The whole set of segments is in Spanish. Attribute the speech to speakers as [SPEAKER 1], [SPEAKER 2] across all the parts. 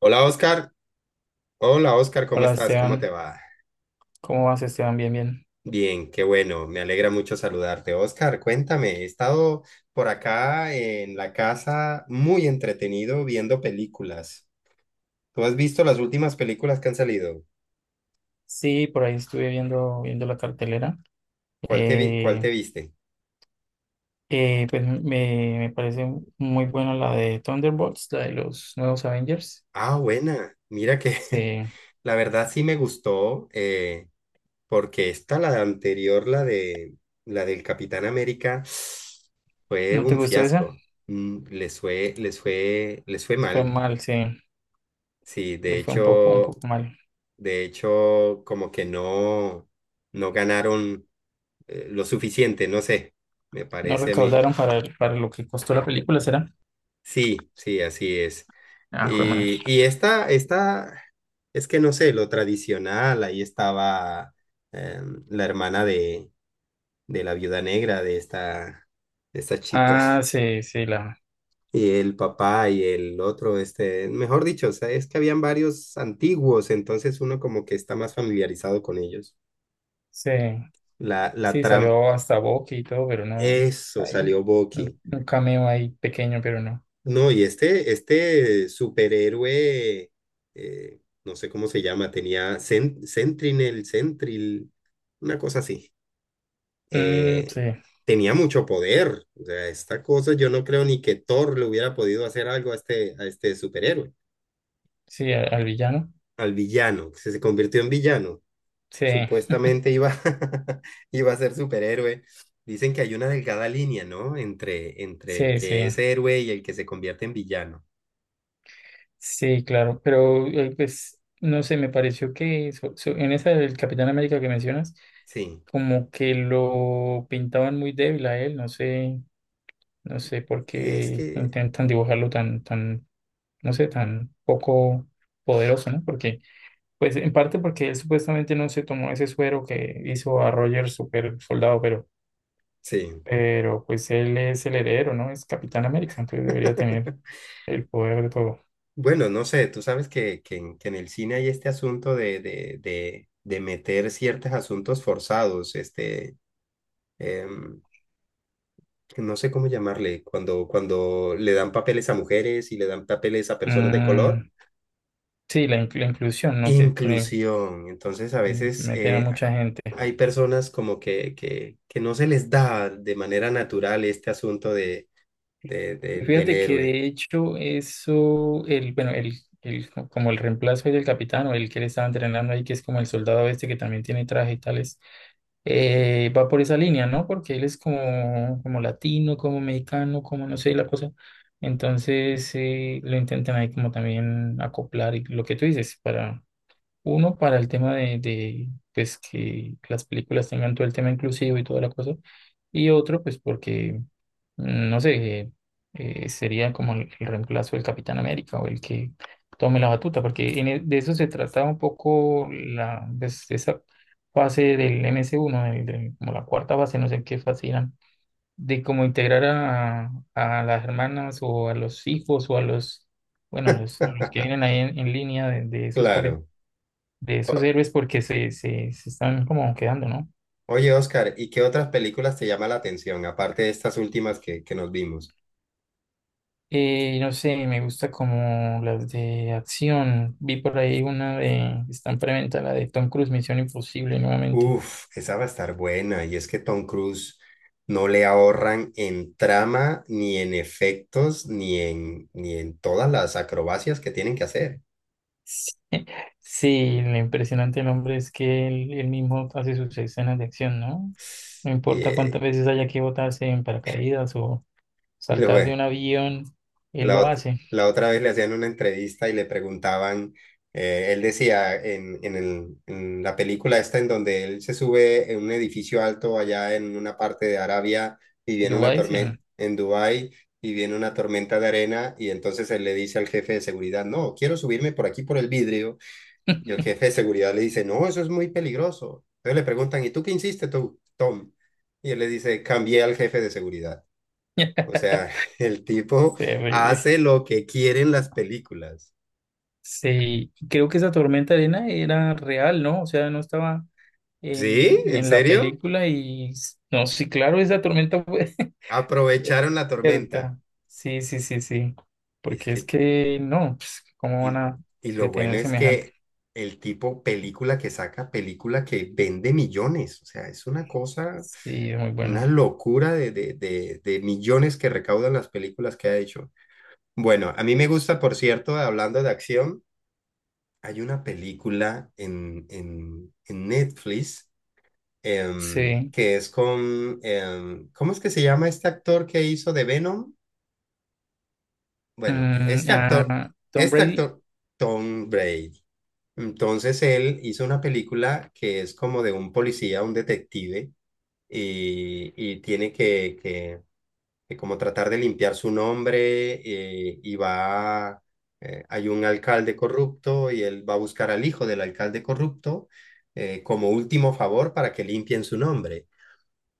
[SPEAKER 1] Hola Oscar, ¿cómo
[SPEAKER 2] Hola
[SPEAKER 1] estás? ¿Cómo te
[SPEAKER 2] Esteban,
[SPEAKER 1] va?
[SPEAKER 2] ¿cómo vas Esteban? Bien, bien.
[SPEAKER 1] Bien, qué bueno, me alegra mucho saludarte. Oscar, cuéntame, he estado por acá en la casa muy entretenido viendo películas. ¿Tú has visto las últimas películas que han salido?
[SPEAKER 2] Sí, por ahí estuve viendo la cartelera.
[SPEAKER 1] ¿Cuál
[SPEAKER 2] Eh,
[SPEAKER 1] te viste?
[SPEAKER 2] me parece muy buena la de Thunderbolts, la de los nuevos Avengers.
[SPEAKER 1] Ah, buena, mira que
[SPEAKER 2] Sí.
[SPEAKER 1] la verdad sí me gustó, porque esta, la anterior, la del Capitán América, fue
[SPEAKER 2] ¿No te
[SPEAKER 1] un
[SPEAKER 2] gustó esa?
[SPEAKER 1] fiasco. Mm, les fue
[SPEAKER 2] Fue
[SPEAKER 1] mal.
[SPEAKER 2] mal, sí.
[SPEAKER 1] Sí,
[SPEAKER 2] Fue un poco, un poco mal.
[SPEAKER 1] de hecho, como que no, no ganaron lo suficiente, no sé, me
[SPEAKER 2] No
[SPEAKER 1] parece a mí.
[SPEAKER 2] recaudaron para lo que costó la película, ¿será?
[SPEAKER 1] Sí, sí, así es.
[SPEAKER 2] Ah, fue mal.
[SPEAKER 1] Y esta, es que no sé, lo tradicional, ahí estaba la hermana de la viuda negra de esta chica,
[SPEAKER 2] Ah, sí, sí, la,
[SPEAKER 1] y el papá y el otro, este, mejor dicho, o sea, es que habían varios antiguos, entonces uno como que está más familiarizado con ellos.
[SPEAKER 2] sí,
[SPEAKER 1] La
[SPEAKER 2] sí,
[SPEAKER 1] trampa.
[SPEAKER 2] salió hasta Bucky y todo, pero no,
[SPEAKER 1] Eso
[SPEAKER 2] hay
[SPEAKER 1] salió Bucky.
[SPEAKER 2] un cameo ahí pequeño, pero no.
[SPEAKER 1] No, y este superhéroe, no sé cómo se llama, tenía Sentinel, Sentril, una cosa así.
[SPEAKER 2] Mm,
[SPEAKER 1] Eh,
[SPEAKER 2] sí.
[SPEAKER 1] tenía mucho poder. O sea, esta cosa yo no creo ni que Thor le hubiera podido hacer algo a este superhéroe,
[SPEAKER 2] Sí, al villano.
[SPEAKER 1] al villano, que se convirtió en villano.
[SPEAKER 2] Sí,
[SPEAKER 1] Supuestamente iba, iba a ser superhéroe. Dicen que hay una delgada línea, ¿no? Entre, entre el
[SPEAKER 2] sí, sí.
[SPEAKER 1] que es héroe y el que se convierte en villano.
[SPEAKER 2] Sí, claro. Pero, pues, no sé, me pareció que en esa del Capitán América que mencionas,
[SPEAKER 1] Sí.
[SPEAKER 2] como que lo pintaban muy débil a él. No sé, no sé por
[SPEAKER 1] Y es
[SPEAKER 2] qué
[SPEAKER 1] que,
[SPEAKER 2] intentan dibujarlo no sé, tan poco poderoso, ¿no? Porque, pues, en parte porque él supuestamente no se tomó ese suero que hizo a Roger super soldado,
[SPEAKER 1] sí.
[SPEAKER 2] pues, él es el heredero, ¿no? Es Capitán América, entonces debería tener el poder de todo.
[SPEAKER 1] Bueno, no sé, tú sabes que en el cine hay este asunto de meter ciertos asuntos forzados, em, no sé cómo llamarle, cuando le dan papeles a mujeres y le dan papeles a personas de color.
[SPEAKER 2] Mm, sí, la inclusión, ¿no? Que pone-
[SPEAKER 1] Inclusión. Entonces, a
[SPEAKER 2] mm,
[SPEAKER 1] veces
[SPEAKER 2] meter a mucha gente.
[SPEAKER 1] hay personas como que no se les da de manera natural este asunto de del
[SPEAKER 2] Fíjate que
[SPEAKER 1] héroe.
[SPEAKER 2] de hecho eso, el, bueno, el, co- como el reemplazo del capitán o el que le estaba entrenando ahí, que es como el soldado este que también tiene traje y tales, va por esa línea, ¿no? Porque él es como, como latino, como mexicano, como no sé, la cosa. Entonces lo intentan ahí como también acoplar y lo que tú dices para... Uno, para el tema pues, que las películas tengan todo el tema inclusivo y toda la cosa. Y otro, pues porque, mm, no sé, sería como el reemplazo del Capitán América o el que tome la batuta, porque de eso se trataba un poco la, pues, esa fase del MS1, como la cuarta fase, no sé qué fase eran, de cómo integrar a las hermanas o a los hijos o a los, bueno, a los que vienen ahí en línea de esos
[SPEAKER 1] Claro.
[SPEAKER 2] de esos
[SPEAKER 1] O-
[SPEAKER 2] héroes porque se están como quedando, ¿no?
[SPEAKER 1] oye, Oscar, ¿y qué otras películas te llama la atención, aparte de estas últimas que nos vimos?
[SPEAKER 2] No sé, me gusta como las de acción. Vi por ahí una de, está en preventa, la de Tom Cruise, Misión Imposible nuevamente.
[SPEAKER 1] Uf, esa va a estar buena. Y es que Tom Cruise no le ahorran en trama, ni en efectos, ni en todas las acrobacias que tienen que hacer.
[SPEAKER 2] Sí, lo impresionante del hombre es que él mismo hace sus escenas de acción, ¿no? No
[SPEAKER 1] Y,
[SPEAKER 2] importa
[SPEAKER 1] eh,
[SPEAKER 2] cuántas veces haya que botarse en paracaídas o
[SPEAKER 1] y luego,
[SPEAKER 2] saltar de un avión, él
[SPEAKER 1] La,
[SPEAKER 2] lo
[SPEAKER 1] ot-
[SPEAKER 2] hace.
[SPEAKER 1] la otra vez le hacían una entrevista y le preguntaban, él decía en la película esta en donde él se sube en un edificio alto allá en una parte de Arabia y viene una
[SPEAKER 2] Dubái, sí.
[SPEAKER 1] tormenta en Dubái y viene una tormenta de arena y entonces él le dice al jefe de seguridad, no, quiero subirme por aquí por el vidrio, y el jefe de seguridad le dice, no, eso es muy peligroso. Entonces le preguntan, ¿y tú qué hiciste tú, Tom? Y él le dice, cambié al jefe de seguridad. O sea, el tipo
[SPEAKER 2] Terrible.
[SPEAKER 1] hace lo que quieren las películas.
[SPEAKER 2] Sí, creo que esa tormenta de arena era real, ¿no? O sea, no estaba en,
[SPEAKER 1] ¿Sí? ¿En
[SPEAKER 2] en la
[SPEAKER 1] serio?
[SPEAKER 2] película y s- no, sí, claro, esa tormenta fue
[SPEAKER 1] Aprovecharon la tormenta.
[SPEAKER 2] cierta. Sí, sí, sí, sí.
[SPEAKER 1] Y es
[SPEAKER 2] Porque es
[SPEAKER 1] que,
[SPEAKER 2] que no, pues, ¿cómo van
[SPEAKER 1] y,
[SPEAKER 2] a
[SPEAKER 1] y lo bueno
[SPEAKER 2] detener
[SPEAKER 1] es
[SPEAKER 2] semejante?
[SPEAKER 1] que el tipo, película que saca, película que vende millones. O sea, es una cosa,
[SPEAKER 2] Sí, es muy bueno.
[SPEAKER 1] una locura de millones que recaudan las películas que ha hecho. Bueno, a mí me gusta, por cierto, hablando de acción, hay una película en Netflix,
[SPEAKER 2] Sí.
[SPEAKER 1] que es con ¿cómo es que se llama este actor que hizo de Venom? Bueno,
[SPEAKER 2] Mm, ah, Tom
[SPEAKER 1] este
[SPEAKER 2] Brady.
[SPEAKER 1] actor, Tom Brady. Entonces él hizo una película que es como de un policía, un detective, y, y tiene que, que, que como tratar de limpiar su nombre, y va, hay un alcalde corrupto y él va a buscar al hijo del alcalde corrupto, como último favor para que limpien su nombre.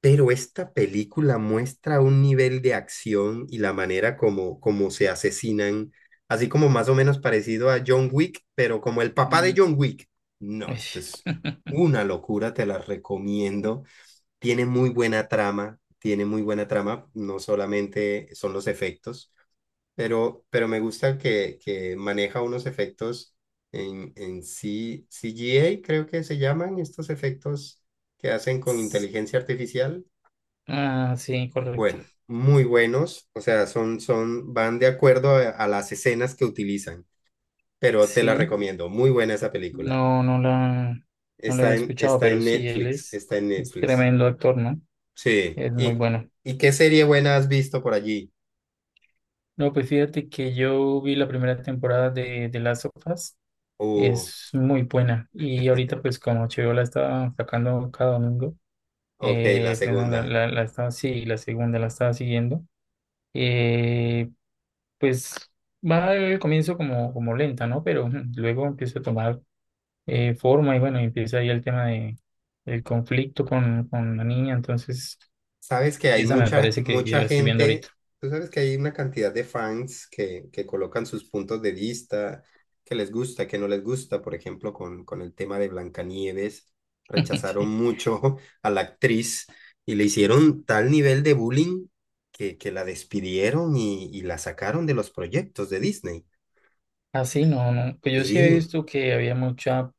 [SPEAKER 1] Pero esta película muestra un nivel de acción y la manera como se asesinan, así como más o menos parecido a John Wick, pero como el papá de
[SPEAKER 2] Mm,
[SPEAKER 1] John Wick. No, esto
[SPEAKER 2] ish.
[SPEAKER 1] es una locura, te la recomiendo. Tiene muy buena trama, tiene muy buena trama, no solamente son los efectos, pero me gusta que maneja unos efectos en CGI creo que se llaman estos efectos que hacen con inteligencia artificial.
[SPEAKER 2] Ah, sí, correcto.
[SPEAKER 1] Bueno, muy buenos, o sea, van de acuerdo a las escenas que utilizan, pero te la
[SPEAKER 2] Sí,
[SPEAKER 1] recomiendo, muy buena esa película.
[SPEAKER 2] no, no la, no la había escuchado,
[SPEAKER 1] Está
[SPEAKER 2] pero
[SPEAKER 1] en
[SPEAKER 2] sí, él
[SPEAKER 1] Netflix, está en
[SPEAKER 2] es
[SPEAKER 1] Netflix.
[SPEAKER 2] tremendo actor, ¿no?
[SPEAKER 1] Sí,
[SPEAKER 2] Es muy bueno.
[SPEAKER 1] ¿y qué serie buena has visto por allí?
[SPEAKER 2] No, pues fíjate que yo vi la primera temporada de Last of Us.
[SPEAKER 1] Uh,
[SPEAKER 2] Es muy buena. Y ahorita, pues, como HBO la está sacando cada domingo,
[SPEAKER 1] ok, la
[SPEAKER 2] pues no, la,
[SPEAKER 1] segunda.
[SPEAKER 2] la, la estaba, sí, la segunda la estaba siguiendo. Eh, pues va al comienzo como, como lenta, ¿no? Pero ujú, luego empieza a tomar forma y bueno, empieza ahí el tema de el conflicto con la niña. Entonces,
[SPEAKER 1] Sabes que hay
[SPEAKER 2] esa me
[SPEAKER 1] mucha,
[SPEAKER 2] parece que ya
[SPEAKER 1] mucha
[SPEAKER 2] la estoy viendo ahorita.
[SPEAKER 1] gente, tú sabes que hay una cantidad de fans que colocan sus puntos de vista, que les gusta, que no les gusta. Por ejemplo, con el tema de Blancanieves, rechazaron
[SPEAKER 2] Sí.
[SPEAKER 1] mucho a la actriz, y le hicieron tal nivel de bullying que la despidieron y la sacaron de los proyectos de Disney.
[SPEAKER 2] Así no, no. Pues yo sí he
[SPEAKER 1] Sí,
[SPEAKER 2] visto que había mucha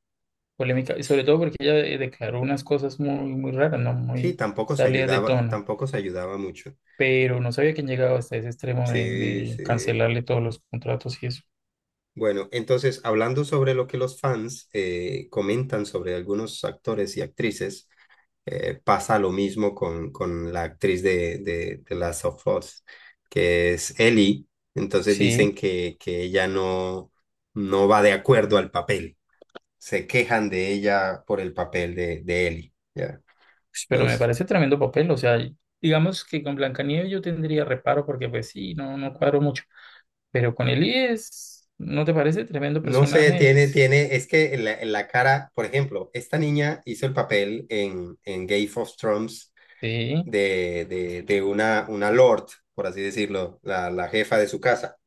[SPEAKER 2] polémica, y sobre todo porque ella declaró unas cosas muy, muy raras, ¿no?
[SPEAKER 1] sí,
[SPEAKER 2] Muy
[SPEAKER 1] tampoco se
[SPEAKER 2] salidas de
[SPEAKER 1] ayudaba,
[SPEAKER 2] tono.
[SPEAKER 1] tampoco se ayudaba mucho.
[SPEAKER 2] Pero no sabía que han llegado hasta ese extremo
[SPEAKER 1] Sí,
[SPEAKER 2] de
[SPEAKER 1] sí.
[SPEAKER 2] cancelarle todos los contratos y eso.
[SPEAKER 1] Bueno, entonces, hablando sobre lo que los fans comentan sobre algunos actores y actrices, pasa lo mismo con la actriz de Last of Us, que es Ellie. Entonces
[SPEAKER 2] Sí,
[SPEAKER 1] dicen que ella no, no va de acuerdo al papel. Se quejan de ella por el papel de Ellie. ¿Ya?
[SPEAKER 2] pues, pero me
[SPEAKER 1] Entonces,
[SPEAKER 2] parece tremendo papel. O sea, digamos que con Blancanieves yo tendría reparo porque, pues sí, no, no cuadro mucho. Pero con Elías, ¿no te parece tremendo
[SPEAKER 1] no sé,
[SPEAKER 2] personaje? Es-
[SPEAKER 1] es que en la cara, por ejemplo, esta niña hizo el papel en Game of Thrones
[SPEAKER 2] sí,
[SPEAKER 1] de una lord, por así decirlo, la jefa de su casa,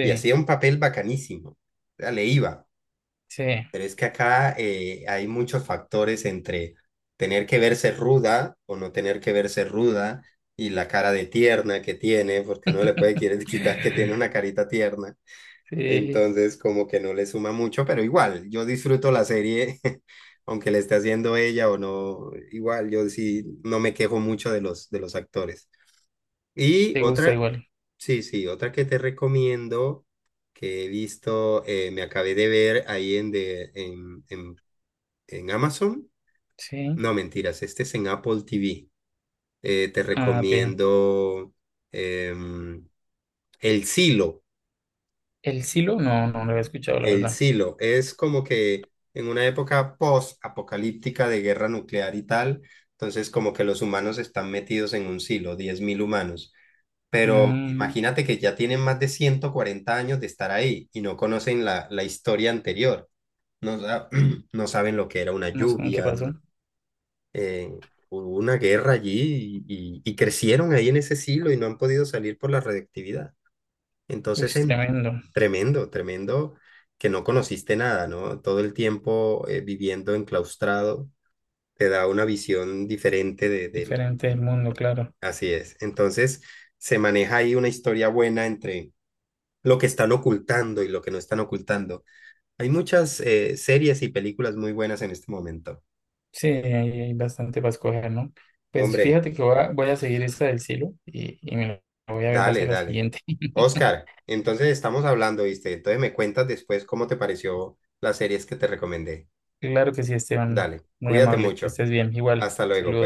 [SPEAKER 1] y hacía un papel bacanísimo, o sea, le iba,
[SPEAKER 2] sí.
[SPEAKER 1] pero es que acá, hay muchos factores entre tener que verse ruda o no tener que verse ruda, y la cara de tierna que tiene, porque no le puede querer quitar que tiene una carita tierna.
[SPEAKER 2] Sí,
[SPEAKER 1] Entonces, como que no le suma mucho, pero igual, yo disfruto la serie, aunque le esté haciendo ella o no, igual, yo sí no me quejo mucho de los actores. Y
[SPEAKER 2] te gusta
[SPEAKER 1] otra,
[SPEAKER 2] igual.
[SPEAKER 1] sí, sí, otra que te recomiendo, que he visto, me acabé de ver ahí en, de, en Amazon.
[SPEAKER 2] Sí.
[SPEAKER 1] No, mentiras, este es en Apple TV. Te
[SPEAKER 2] Ah, ok.
[SPEAKER 1] recomiendo em, El Silo.
[SPEAKER 2] El silo, no, no lo había escuchado, la
[SPEAKER 1] El
[SPEAKER 2] verdad.
[SPEAKER 1] Silo es como que en una época post-apocalíptica de guerra nuclear y tal, entonces como que los humanos están metidos en un silo, 10.000 humanos. Pero
[SPEAKER 2] Mm,
[SPEAKER 1] imagínate que ya tienen más de 140 años de estar ahí y no conocen la historia anterior. No, no saben lo que era una
[SPEAKER 2] no sé en qué
[SPEAKER 1] lluvia,
[SPEAKER 2] pasó.
[SPEAKER 1] eh, hubo una guerra allí y crecieron ahí en ese siglo y no han podido salir por la radiactividad. Entonces,
[SPEAKER 2] Es tremendo.
[SPEAKER 1] tremendo, tremendo que no conociste nada, ¿no? Todo el tiempo, viviendo enclaustrado te da una visión diferente del-
[SPEAKER 2] Diferente del mundo, claro.
[SPEAKER 1] Así es. Entonces, se maneja ahí una historia buena entre lo que están ocultando y lo que no están ocultando. Hay muchas series y películas muy buenas en este momento.
[SPEAKER 2] Sí, hay bastante para escoger, ¿no? Pues
[SPEAKER 1] Hombre,
[SPEAKER 2] fíjate que voy a, voy a seguir esta del silo y me la voy a ver para
[SPEAKER 1] dale,
[SPEAKER 2] hacer la
[SPEAKER 1] dale.
[SPEAKER 2] siguiente.
[SPEAKER 1] Oscar, entonces estamos hablando, ¿viste? Entonces me cuentas después cómo te pareció las series que te recomendé.
[SPEAKER 2] Claro que sí, Esteban.
[SPEAKER 1] Dale,
[SPEAKER 2] Muy
[SPEAKER 1] cuídate
[SPEAKER 2] amable. Que
[SPEAKER 1] mucho.
[SPEAKER 2] estés bien. Igual.
[SPEAKER 1] Hasta luego, pues.
[SPEAKER 2] Saludos.